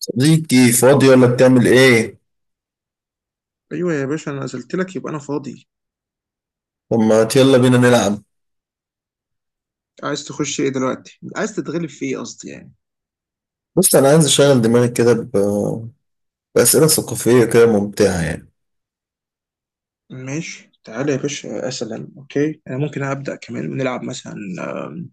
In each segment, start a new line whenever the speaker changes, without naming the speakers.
صديقي فاضي ولا بتعمل ايه؟
ايوه يا باشا، انا نزلت لك يبقى انا فاضي.
طب ما يلا بينا نلعب.
عايز تخش ايه دلوقتي؟ عايز تتغلب في ايه قصدي يعني.
بص انا عايز اشغل دماغي كده بأسئلة ثقافية كده ممتعة يعني.
ماشي تعالى يا باشا، اسلم. اوكي انا ممكن ابدا، كمان نلعب مثلا. آم،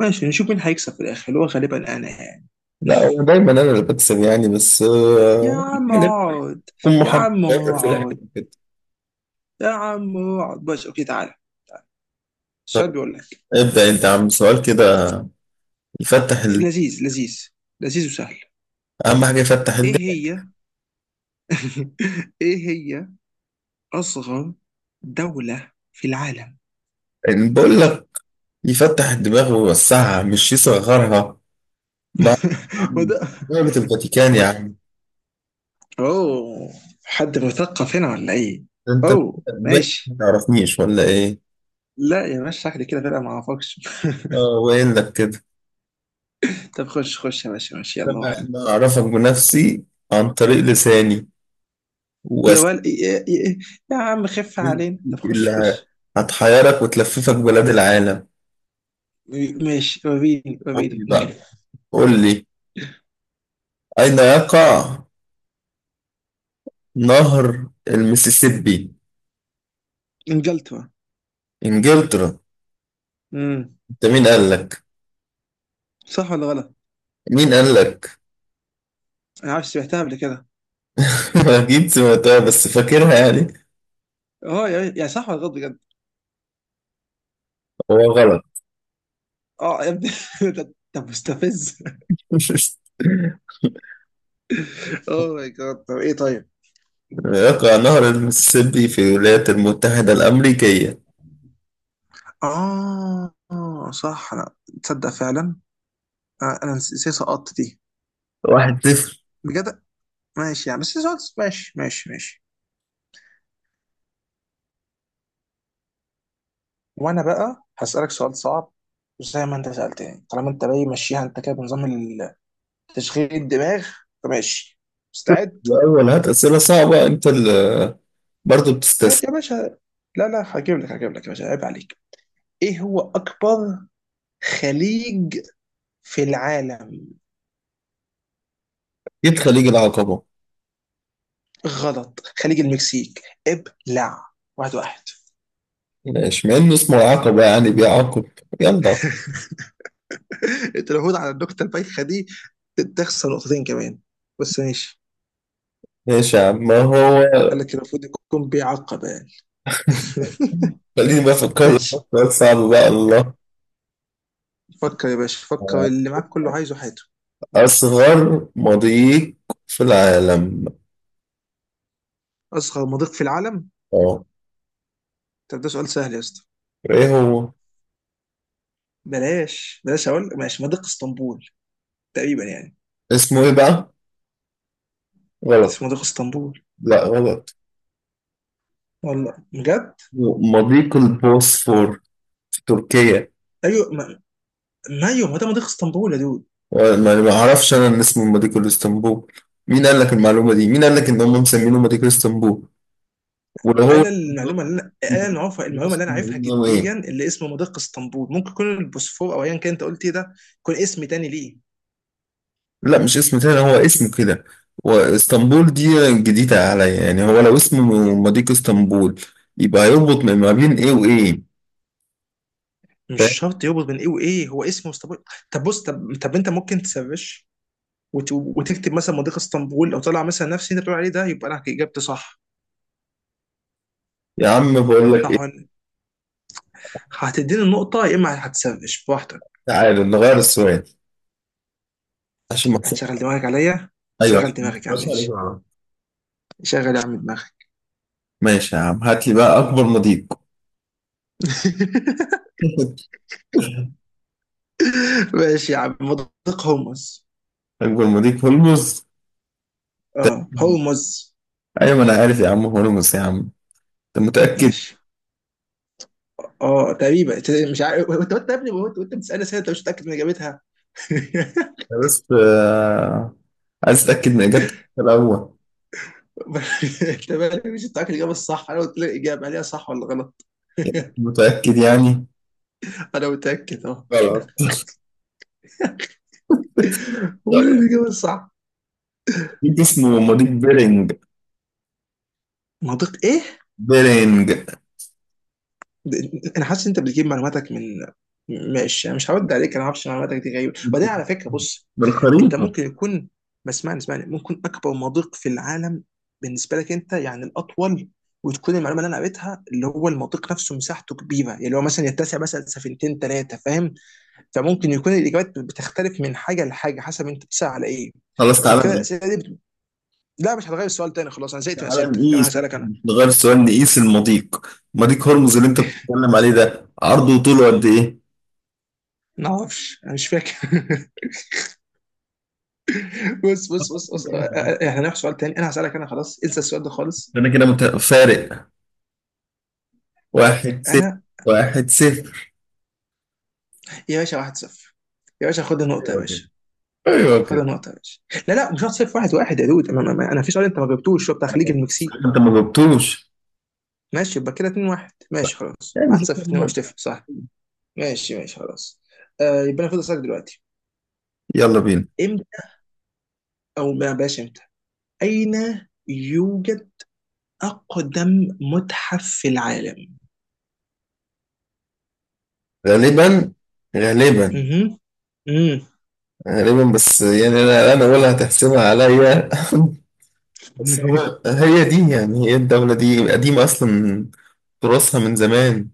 ماشي نشوف مين هيكسب في الاخر، اللي هو غالبا انا يعني.
لا هو دايما انا اللي بكسب يعني بس
يا عم
يعني
اقعد.
تكون
يا
محب
عم
شاطر في الحاجات
اقعد.
كده.
يا عم اقعد بس، اوكي تعالى. تعالى. السؤال
طب
بيقول لك
ابدأ انت يا عم سؤال كده يفتح
لذيذ، لذيذ وسهل.
اهم حاجة يفتح
ايه
الدماغ.
هي؟ ايه هي اصغر دولة في العالم؟
يعني بقول لك يفتح الدماغ ويوسعها مش يصغرها. ما
ما
عم
ده.
دولة الفاتيكان يا عم.
اوه، حد مثقف هنا ولا ايه؟
انت
اوه
ما
ماشي.
تعرفنيش ولا ايه؟
لا يا باشا، شكلي كده فرقة ما اعرفكش.
اه وين لك كده.
طب خش خش يا باشا، ماشي يلا
انا
واحد.
أنا اعرفك بنفسي عن طريق لساني
يا
وأس-
ول يا, يا, يا عم خف علينا، طب خش
اللي
خش.
هتحيرك وتلففك بلاد العالم.
ماشي وريني
قول لي
وريني.
بقى، قول لي، اين يقع نهر المسيسيبي؟
انجلترا.
انجلترا؟
امم
انت مين قال لك؟
صح ولا غلط؟
مين قال لك؟
انا عارف، سمعتها قبل كده.
اكيد سمعتها بس فاكرها يعني.
اه يا صح ولا غلط بجد؟
هو غلط.
اه يا ابني. ده مستفز. اوه ماي جاد، طب ايه طيب؟
يقع نهر المسيسيبي في الولايات المتحدة الأمريكية.
اه صح انا. تصدق فعلا، انا نسيت سقطت دي
1-0.
بجد. ماشي يعني، بس سؤال ماشي. وانا بقى هسألك سؤال صعب زي ما انت سألتني، طالما انت باي ماشيها انت كده بنظام ال- تشغيل الدماغ. فماشي، مستعد.
الأول هات أسئلة صعبة أنت اللي برضه بتستسهل.
يا باشا، لا لا هجيب لك، هجيب لك يا باشا، عيب عليك. ايه هو اكبر خليج في العالم؟
أكيد خليج العقبة.
غلط، خليج المكسيك. ابلع، واحد واحد.
ماشي مع إنه اسمه العقبة يعني بيعاقب. يلا.
انت المفروض على النكته البايخه دي تخسر نقطتين كمان، بس ماشي.
ماشي يا عم ما هو.
قال لك المفروض يكون بيعقب يعني.
خليني بقى أفكر لك
ماشي.
في سؤال صعب بقى. الله.
فكر يا باشا، فكر، اللي معاك كله عايزه حياته.
أصغر مضيق في العالم.
اصغر مضيق في العالم؟
أه.
طب ده سؤال سهل يا اسطى.
إيه هو؟
بلاش بلاش اقول، ماشي، مضيق اسطنبول تقريبا يعني.
اسمه إيه بقى؟ غلط.
اسمه مضيق اسطنبول،
لا غلط.
والله بجد.
مضيق البوسفور في تركيا.
ايوه ما ايوه ما ده مضيق اسطنبول يا دود.
أه، ما ما أعرفش أنا إن اسمه مضيق الإسطنبول. مين قال لك المعلومة دي؟ مين قال لك إن هم مسمينه مضيق الإسطنبول؟ ولو هو
انا المعلومه اللي انا
يبقى.
اللي عارفها، المعلومه
بص،
اللي انا عارفها
إن هو إيه؟
جديا اللي اسمه مضيق اسطنبول، ممكن يكون البوسفور او ايا كان انت قلت ايه ده، يكون اسم تاني ليه.
لا مش اسم تاني، هو اسمه كده. واسطنبول دي جديدة عليا. يعني هو لو اسمه مضيق اسطنبول يبقى هيربط ما بين ايه وايه؟
مش
فاهم؟
شرط يربط بين ايه وايه، هو اسمه اسطنبول. طب بص طب طب انت ممكن تسرش وتكتب مثلا مضيق اسطنبول، او طلع مثلا نفس اللي انت بتقول عليه ده، يبقى انا اجابتي صح.
يا عم بقول لك
صح
ايه.
ولا لأ؟ هتديني النقطه يا اما هتسرش براحتك.
تعالى نغير السؤال عشان ما
هتشغل
تصحش.
دماغك عليا.
ايوه
شغل
عشان
دماغك يا
ما
عم،
تصحش عليك
ماشي.
غلط.
شغل يا عم دماغك.
ماشي يا عم، هات لي بقى اكبر مضيق.
ماشي يا عم، مضيق هومس.
اكبر مضيق هرمز.
اه هومس.
ايوه ما انا عارف يا عم هرمز يا عم. انت متأكد؟
ماشي. اه تقريبا، مش عارف. وانت يا ابني، وانت بتسالني اسئله انت مش متاكد من اجابتها.
أنا بس عايز اتأكد من اجابتك الاول.
انت مالك مش متاكد الاجابه الصح؟ انا قلت لك الاجابه، هل هي صح ولا غلط.
متأكد يعني؟
انا متاكد اه.
غلط.
هو الاجابه الصح.
مضيف اسمه مضيف بيرنج،
منطق ايه؟
بيرنج.
انا حاسس ان انت بتجيب معلوماتك من... ماشي انا مش هرد عليك، انا ما اعرفش، معلوماتك دي غريبه. وبعدين على فكره، بص، انت
بالخريطة.
ممكن يكون... ما اسمعني اسمعني، ممكن اكبر مضيق في العالم بالنسبه لك انت يعني الاطول، وتكون المعلومه اللي انا قريتها اللي هو المضيق نفسه مساحته كبيره، يعني هو مثلا يتسع مثلا سفينتين ثلاثه، فاهم؟ فممكن يكون الاجابات بتختلف من حاجه لحاجه، حسب انت بتسال على ايه.
خلاص
عشان
تعالى
كده
نقيس.
الاسئله دي بت... لا مش هتغير السؤال تاني، خلاص انا زهقت من
تعالى
اسئلتك، انا
نقيس
هسالك انا.
مش نغير السؤال، نقيس المضيق. مضيق هرمز اللي انت بتتكلم عليه ده عرضه وطوله قد ايه؟
ما اعرفش انا مش فاكر. بص، احنا هنروح سؤال تاني، انا هسألك انا، خلاص انسى السؤال ده خالص.
انا كده فارق. 1-0.
انا
1-0.
يا باشا 1-0، يا باشا خد النقطة يا
ايوه كده.
باشا،
ايوه
خد
كده.
النقطة يا باشا. لا لا مش 1-0، واحد واحد يا دود، انا انا في سؤال انت ما جبتوش، هو بتاع
انا
خليج
كنت بسألك،
المكسيك.
انت ما جبتوش.
ماشي يبقى كده 2-1، ماشي خلاص،
يعني شكراً
1-0 2 1
لله.
تفرق، صح. ماشي ماشي خلاص. آه يبقى انا فاضل اسألك دلوقتي.
يلا بينا.
امتى، او ما بلاش امتى، اين يوجد اقدم متحف في العالم؟
غالبا. غالبا.
اها. امم
غالبا بس يعني انا ولا هتحسبها عليا. بس هو، هي دي يعني، هي الدولة دي قديمة أصلا، تراثها من زمان.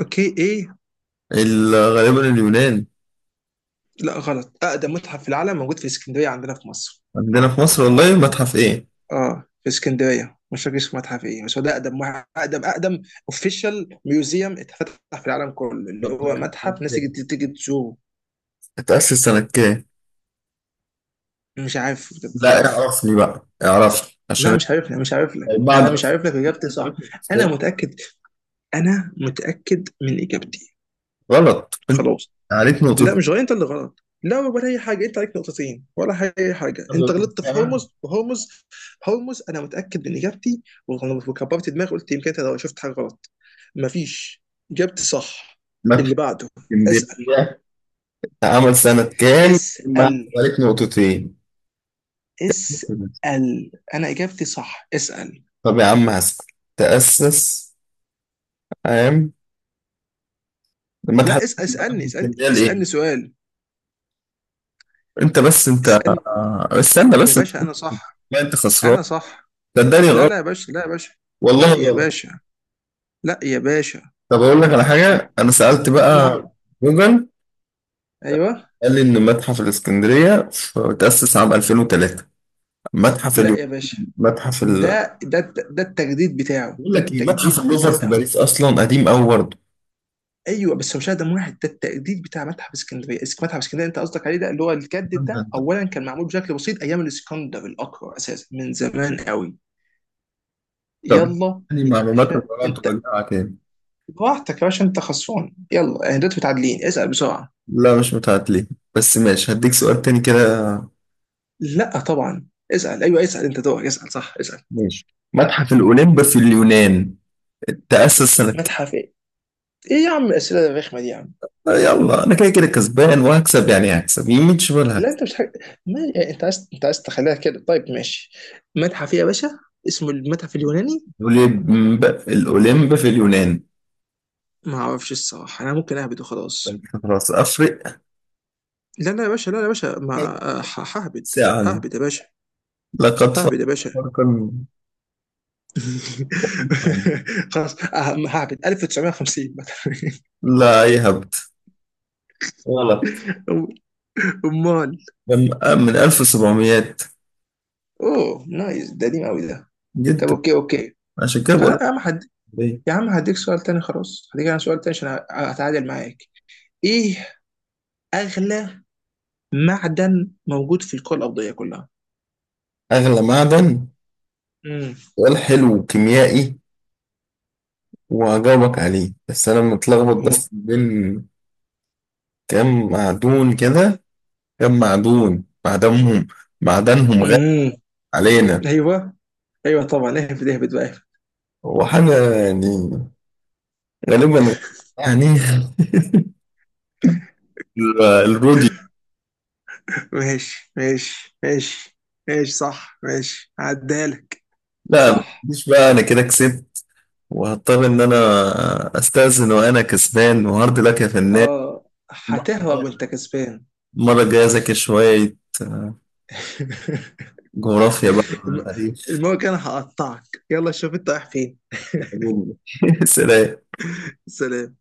اوكي ايه؟
غالبا اليونان.
لا غلط، اقدم متحف في العالم موجود في اسكندريه عندنا في مصر.
عندنا في مصر والله؟ متحف إيه؟
اه في اسكندريه، مش فاكر اسمه متحف ايه، بس هو ده اقدم اقدم اوفيشال ميوزيوم اتفتح في العالم كله، اللي
طب
هو
فاكر
متحف
متحف
ناس
إيه؟
تيجي تزوره.
اتأسس سنة كام؟
مش عارف بجد، مش
لا
عارف.
اعرفني بقى، اعرفني
لا
عشان.
مش عارف لك، مش عارف لك انا
بعد.
مش عارف لك اجابتي صح. انا متاكد، انا متاكد من اجابتي.
غلط أنت.
خلاص.
عارف
لا
نقطة.
مش غلط، انت اللي غلط، لا ولا اي حاجه، انت عليك نقطتين ولا اي حاجه، انت غلطت في هرمز. هرمز انا متاكد من اجابتي. وكبرت دماغي قلت يمكن انت لو شفت حاجه غلط، مفيش، جبت صح.
متحف
اللي بعده اسال.
اسكندرية اتعمل سنة كام؟ ما
اسال.
عليك نقطتين.
اسال، انا اجابتي صح، اسال.
طب يا عم هسأل. تأسس عام
لا
المتحف.
اسال،
المتحف الاسكندرية لإيه؟
اسألني سؤال.
انت بس انت،
اسالني
استنى
يا
بس انت.
باشا، انا صح.
لا انت خسران.
انا صح.
صدقني
لا لا
غلط.
يا باشا، لا يا باشا،
والله
لا يا
غلط.
باشا، لا يا باشا.
طب اقول لك على حاجه، انا سالت
انا
بقى
هغ...
جوجل،
ايوه.
قال لي ان متحف الاسكندريه تاسس عام 2003. متحف
لا
اليوم.
يا باشا،
متحف ال.
ده ده التجديد بتاعه،
بقول
ده
لك ايه، متحف
التجديد
اللوفر في
بتاعه.
باريس اصلا قديم قوي برضه.
ايوه بس هو مش اقدم واحد، ده التجديد بتاع متحف اسكندريه. متحف اسكندريه انت قصدك عليه، ده اللي هو الجدد
انت
ده.
انت
اولا كان معمول بشكل بسيط ايام الاسكندر الاكبر اساسا، من زمان قوي.
طب
يلا
يعني
يا
معلومات
باشا
الوراء
انت،
تراجعها تاني.
براحتك يا باشا، انت خسران، يلا اهدت متعادلين، اسال بسرعه.
لا مش متعادلين بس ماشي، هديك سؤال تاني كده.
لا طبعا اسال، ايوه اسال، انت دورك اسال، صح اسال.
ماشي. متحف الاولمب في اليونان تاسس سنه؟
متحف ايه؟ ايه يا عم الاسئله الرخمه دي يا عم؟
يلا انا كده كده كسبان وهكسب، يعني هكسب يمين شمال
لا
هكسب.
انت مش حاجة. ما يعني انت عايز، انت عايز تخليها كده، طيب ماشي. متحف ايه يا باشا، اسمه المتحف اليوناني؟
الاولمب الاولمب في اليونان.
ما اعرفش الصراحه، انا ممكن اهبد وخلاص.
فأنت خلاص افرق.
لا لا يا باشا، لا لا يا باشا، ما ههبد.
ساعة.
ههبد يا باشا.
لقد فرق.
ههبد يا باشا. خلاص ههبد 1950.
لا يهبط. غلط.
امال.
من من 1700.
اوه نايس، ده قديم قوي ده. طب
جدا.
اوكي اوكي.
عشان كده بقول لك
خلاص يا عم حد.
ليه.
يا عم هديك سؤال تاني، خلاص هديك انا سؤال تاني عشان اتعادل معاك. ايه اغلى معدن موجود في الكره الارضيه كلها؟
اغلى معدن،
امم
سؤال حلو كيميائي وهجاوبك عليه، بس انا متلخبط بس
أوه.
بين كام معدون كده، كام معدون، معدنهم، معدنهم غالي
امم
علينا.
ايوه. ايوه طبعا، اهبد، اهبد بقى اهبد.
هو حاجة يعني غالبا يعني الرودي.
ماشي. ماشي صح، ماشي عدالك.
لا لا،
صح.
مش بقى، انا كده كسبت وهضطر ان انا استأذن وانا كسبان، وهارد لك يا فنان.
اه هتهرب وانت كسبان.
المرة الجاية اذاكر شوية جغرافيا بقى،
الم-
تاريخ،
المره الجايه انا هقطعك، يلا شوف انت رايح فين.
علوم. سلام.
سلام.